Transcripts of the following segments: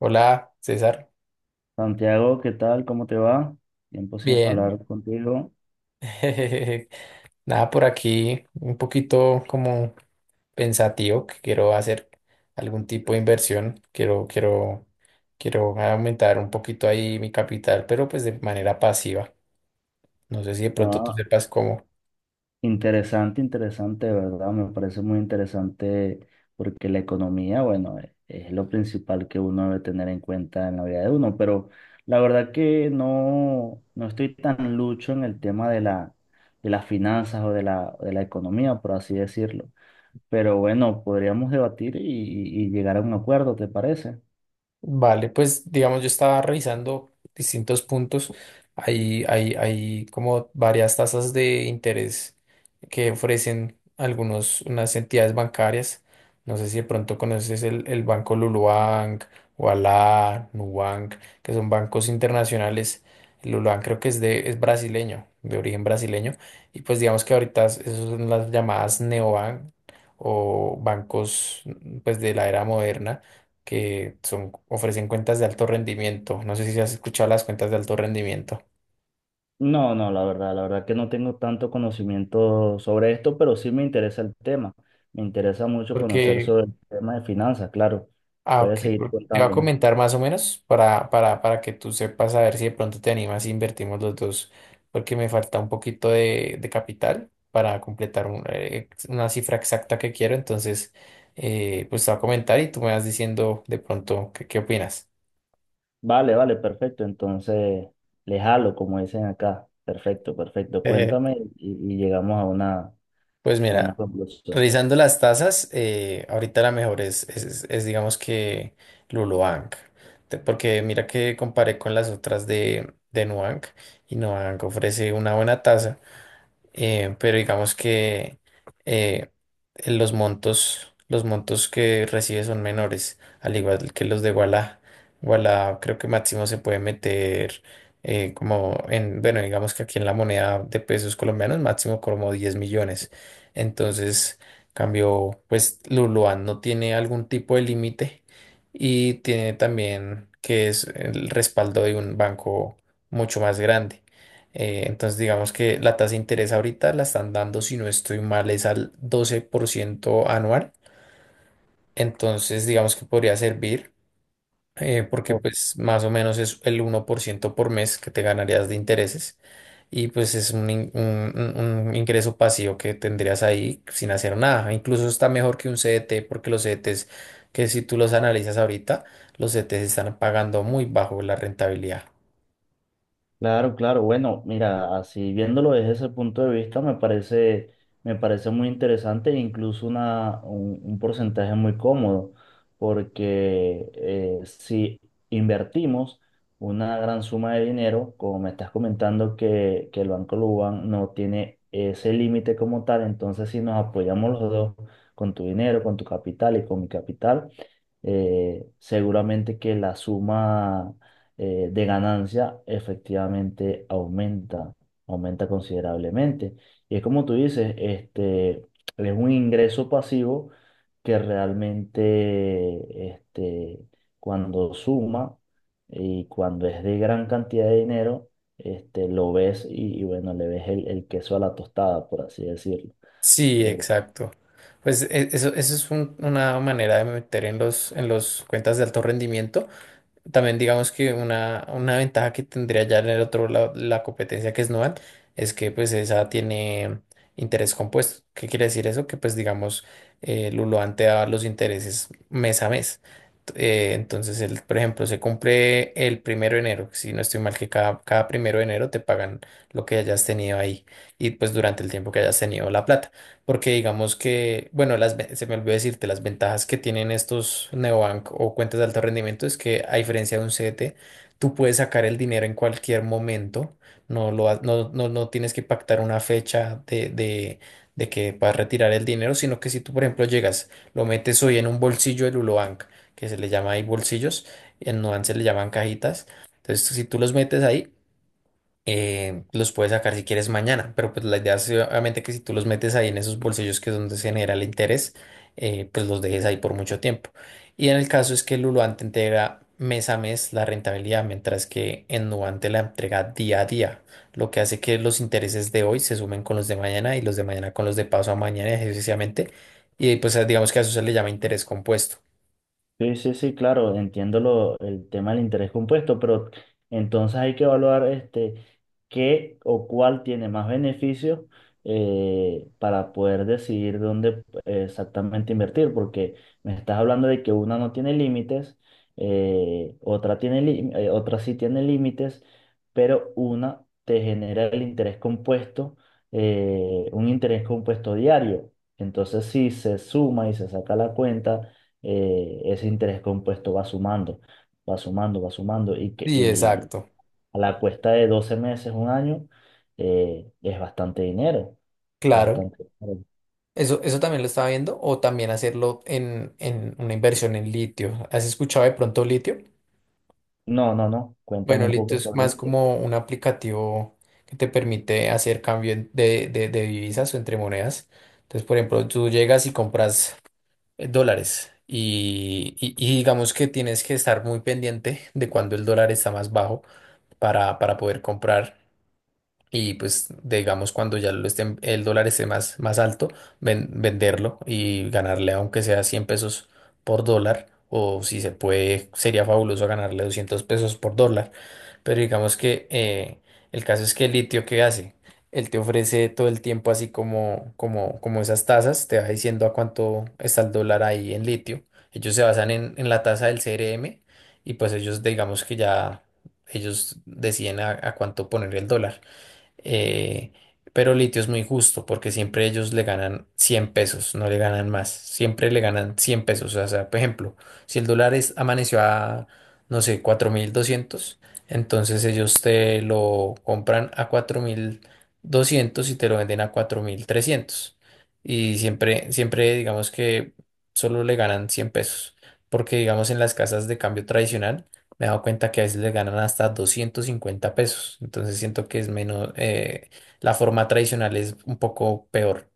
Hola, César. Santiago, ¿qué tal? ¿Cómo te va? Tiempo sin Bien. hablar contigo. Nada por aquí, un poquito como pensativo que quiero hacer algún tipo de inversión. Quiero aumentar un poquito ahí mi capital, pero pues de manera pasiva. No sé si de pronto tú Ah, sepas cómo. interesante, interesante, ¿verdad? Me parece muy interesante porque la economía, bueno, es lo principal que uno debe tener en cuenta en la vida de uno, pero la verdad que no, no estoy tan lucho en el tema de las finanzas o de la economía, por así decirlo. Pero bueno, podríamos debatir y llegar a un acuerdo, ¿te parece? Vale, pues digamos, yo estaba revisando distintos puntos. Hay como varias tasas de interés que ofrecen unas entidades bancarias. No sé si de pronto conoces el banco Lulubank, Ualá, Nubank, que son bancos internacionales. El Lulubank creo que es brasileño, de origen brasileño. Y pues digamos que ahorita esas son las llamadas neobank o bancos pues de la era moderna que son, ofrecen cuentas de alto rendimiento. No sé si has escuchado las cuentas de alto rendimiento. No, no, la verdad que no tengo tanto conocimiento sobre esto, pero sí me interesa el tema. Me interesa mucho conocer Porque, sobre el tema de finanzas, claro. ah, ok, Puedes seguir por- te va a contándome. comentar más o menos para que tú sepas a ver si de pronto te animas y invertimos los dos, porque me falta un poquito de capital para completar una cifra exacta que quiero. Entonces, pues te va a comentar y tú me vas diciendo de pronto qué opinas. Vale, vale, perfecto. Entonces, le jalo, como dicen acá. Perfecto, perfecto. Cuéntame y llegamos a una, a Pues una mira, conclusión. revisando las tasas, ahorita la mejor es, digamos que Lulubank, porque mira que comparé con las otras de Nubank, y Nubank ofrece una buena tasa, pero digamos que eh, los montos que recibe son menores, al igual que los de Walla. Walla creo que máximo se puede meter como en, bueno, digamos que aquí en la moneda de pesos colombianos, máximo como 10.000.000. Entonces, cambio, pues Luluan no tiene algún tipo de límite y tiene también que es el respaldo de un banco mucho más grande. Entonces, digamos que la tasa de interés ahorita la están dando, si no estoy mal, es al 12% anual. Entonces, digamos que podría servir, porque Ok. pues más o menos es el 1% por mes que te ganarías de intereses, y pues es un, un ingreso pasivo que tendrías ahí sin hacer nada. Incluso está mejor que un CDT, porque los CDTs, que si tú los analizas ahorita, los CDTs están pagando muy bajo la rentabilidad. Claro, claro. Bueno, mira, así viéndolo desde ese punto de vista, me parece muy interesante e incluso un porcentaje muy cómodo, porque si invertimos una gran suma de dinero, como me estás comentando que el Banco Luban no tiene ese límite como tal, entonces si nos apoyamos los dos con tu dinero, con tu capital y con mi capital, seguramente que la suma de ganancia efectivamente aumenta considerablemente. Y es como tú dices, es un ingreso pasivo que realmente cuando suma y cuando es de gran cantidad de dinero, lo ves y bueno, le ves el queso a la tostada, por así decirlo. Sí, Eh, exacto. Pues eso es una manera de meter en los cuentas de alto rendimiento. También digamos que una ventaja que tendría ya en el otro lado la competencia, que es Nual, es que pues esa tiene interés compuesto. ¿Qué quiere decir eso? Que pues digamos Luluan te da los intereses mes a mes. T- entonces, el, por ejemplo, se cumple el primero de enero. Si no estoy mal, que cada primero de enero te pagan lo que hayas tenido ahí y pues durante el tiempo que hayas tenido la plata, porque digamos que, bueno, se me olvidó decirte, las ventajas que tienen estos neobank o cuentas de alto rendimiento es que, a diferencia de un CDT, tú puedes sacar el dinero en cualquier momento, no, lo, ha- no, no, no tienes que pactar una fecha de que puedas retirar el dinero, sino que si tú, por ejemplo, llegas, lo metes hoy en un bolsillo del Ulobank, que se le llama ahí bolsillos, en Nuance le llaman cajitas, entonces si tú los metes ahí, los puedes sacar si quieres mañana, pero pues la idea es obviamente que si tú los metes ahí en esos bolsillos, que es donde se genera el interés, pues los dejes ahí por mucho tiempo. Y en el caso es que el te entrega mes a mes la rentabilidad, mientras que en Nubank te la entrega día a día, lo que hace que los intereses de hoy se sumen con los de mañana y los de mañana con los de paso a mañana, y así sucesivamente. Y pues digamos que a eso se le llama interés compuesto. Sí, sí, sí, claro, entiendo el tema del interés compuesto, pero entonces hay que evaluar qué o cuál tiene más beneficios para poder decidir dónde exactamente invertir, porque me estás hablando de que una no tiene límites, otra sí tiene límites, pero una te genera el interés compuesto, un interés compuesto diario. Entonces, si se suma y se saca la cuenta ese interés compuesto va sumando, va sumando, va sumando Sí, y exacto. a la cuesta de 12 meses, un año, es bastante dinero, es Claro. bastante dinero. Eso también lo estaba viendo, o también hacerlo en una inversión en litio. ¿Has escuchado de pronto litio? No, no, no, cuéntame Bueno, un litio poco es sobre más eso. como un aplicativo que te permite hacer cambio de divisas o entre monedas. Entonces, por ejemplo, tú llegas y compras dólares, y digamos que tienes que estar muy pendiente de cuando el dólar está más bajo para poder comprar. Y pues digamos cuando ya lo esté, el dólar esté más, más alto, venderlo y ganarle aunque sea 100 pesos por dólar, o si se puede sería fabuloso ganarle 200 pesos por dólar, pero digamos que el caso es que el litio, ¿qué hace? Él te ofrece todo el tiempo así como esas tasas, te va diciendo a cuánto está el dólar ahí en litio. Ellos se basan en la tasa del CRM, y pues ellos digamos que ya ellos deciden a cuánto poner el dólar, eh, pero Litio es muy justo porque siempre ellos le ganan 100 pesos, no le ganan más. Siempre le ganan 100 pesos. O sea, por ejemplo, si el dólar amaneció a, no sé, 4.200, entonces ellos te lo compran a 4.200 y te lo venden a 4.300. Y siempre, siempre digamos que solo le ganan 100 pesos. Porque digamos en las casas de cambio tradicional, me he dado cuenta que a veces le ganan hasta 250 pesos. Entonces siento que es menos, la forma tradicional es un poco peor.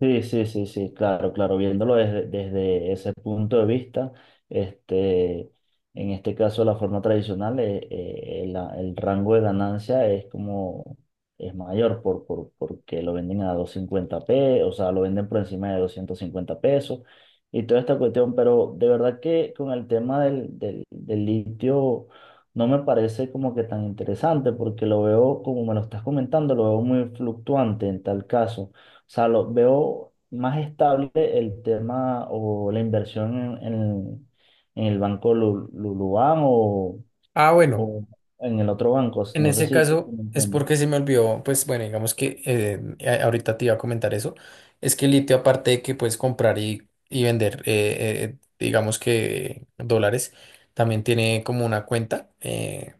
Sí, sí, sí, sí, claro, claro, viéndolo desde ese punto de vista, este, en este caso la forma tradicional, el rango de ganancia es mayor porque lo venden a 250 pesos, o sea, lo venden por encima de 250 pesos y toda esta cuestión, pero de verdad que con el tema del litio no me parece como que tan interesante porque lo veo, como me lo estás comentando, lo veo muy fluctuante en tal caso sea, lo veo más estable el tema o la inversión en el banco Luluan o, Ah, bueno, o en el otro banco. en No sé ese si caso me es entiendes. porque se me olvidó, pues bueno, digamos que ahorita te iba a comentar eso. Es que el litio, aparte de que puedes comprar y vender, digamos que dólares, también tiene como una cuenta.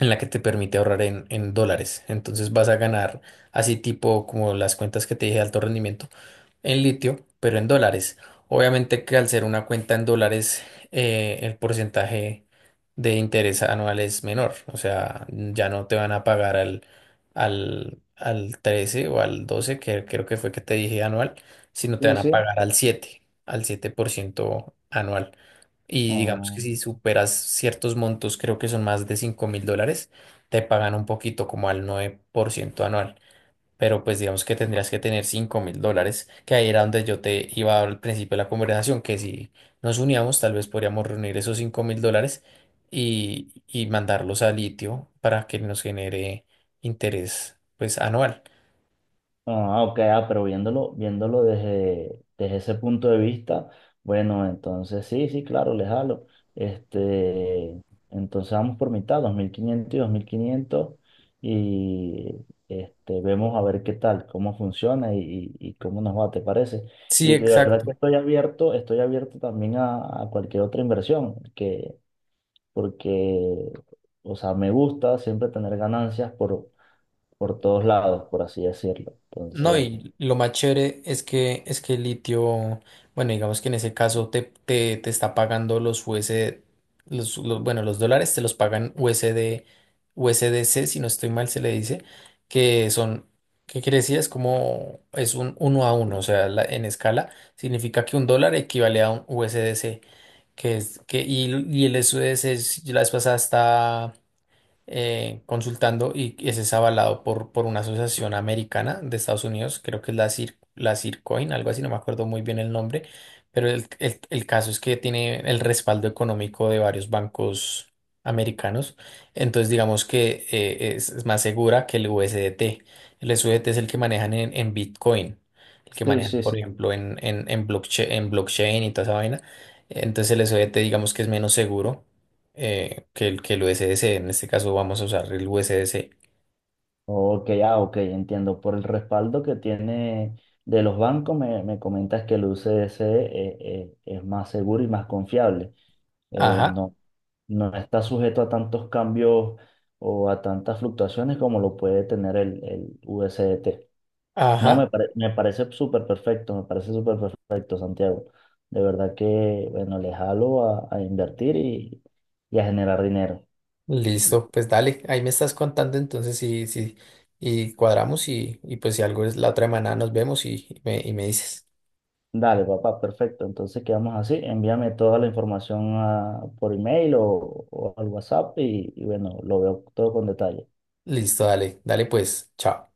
En la que te permite ahorrar en dólares. Entonces vas a ganar así tipo como las cuentas que te dije de alto rendimiento en litio, pero en dólares. Obviamente que al ser una cuenta en dólares, el porcentaje de interés anual es menor. O sea, ya no te van a pagar al 13 o al 12 que creo que fue que te dije anual, sino te Sí, van a sí. pagar al 7% anual. Y digamos Ah. que si superas ciertos montos, creo que son más de 5.000 dólares, te pagan un poquito como al 9% anual. Pero pues digamos que tendrías que tener 5.000 dólares, que ahí era donde yo te iba al principio de la conversación, que si nos uníamos, tal vez podríamos reunir esos 5.000 dólares y mandarlos a litio para que nos genere interés pues anual. Ah, ok, ah, pero viéndolo desde ese punto de vista, bueno, entonces sí, sí, claro, le jalo. Este, entonces vamos por mitad, 2.500 y 2.500 y vemos a ver qué tal, cómo funciona y cómo nos va, ¿te parece? Sí, Y de verdad que exacto. Estoy abierto también a cualquier otra inversión, porque, o sea, me gusta siempre tener ganancias por todos lados, por así decirlo. No, Entonces. y lo más chévere es que el litio, bueno, digamos que en ese caso te está pagando los USD, bueno, los dólares te los pagan USD, C si no estoy mal se le dice, que son, ¿qué quiere decir? Es como, es un uno a uno, o sea, la- en escala, significa que un dólar equivale a un U S D C, que es, que, y el U S D C la vez pasada consultando, y ese es avalado por una asociación americana de Estados Unidos, creo que es la Cir, la Circoin, algo así, no me acuerdo muy bien el nombre, pero el caso es que tiene el respaldo económico de varios bancos americanos. Entonces digamos que es más segura que el USDT. El USDT es el que manejan en Bitcoin, el que Sí, manejan, sí, por sí. ejemplo, en blockchain y toda esa vaina. Entonces el USDT digamos que es menos seguro, que el USDC. En este caso vamos a usar el USDC. Ok, ah, ok, entiendo. Por el respaldo que tiene de los bancos, me comentas que el UCS es más seguro y más confiable. Ajá, No, no está sujeto a tantos cambios o a tantas fluctuaciones como lo puede tener el USDT. No, ajá, me parece súper perfecto, me parece súper perfecto, Santiago. De verdad que, bueno, le jalo a invertir y a generar dinero. listo, pues dale, ahí me estás contando entonces sí, y cuadramos, y pues si algo es la otra semana nos vemos, y me dices, Dale, papá, perfecto. Entonces quedamos así. Envíame toda la información por email o al WhatsApp y bueno, lo veo todo con detalle. listo, dale, dale pues, chao.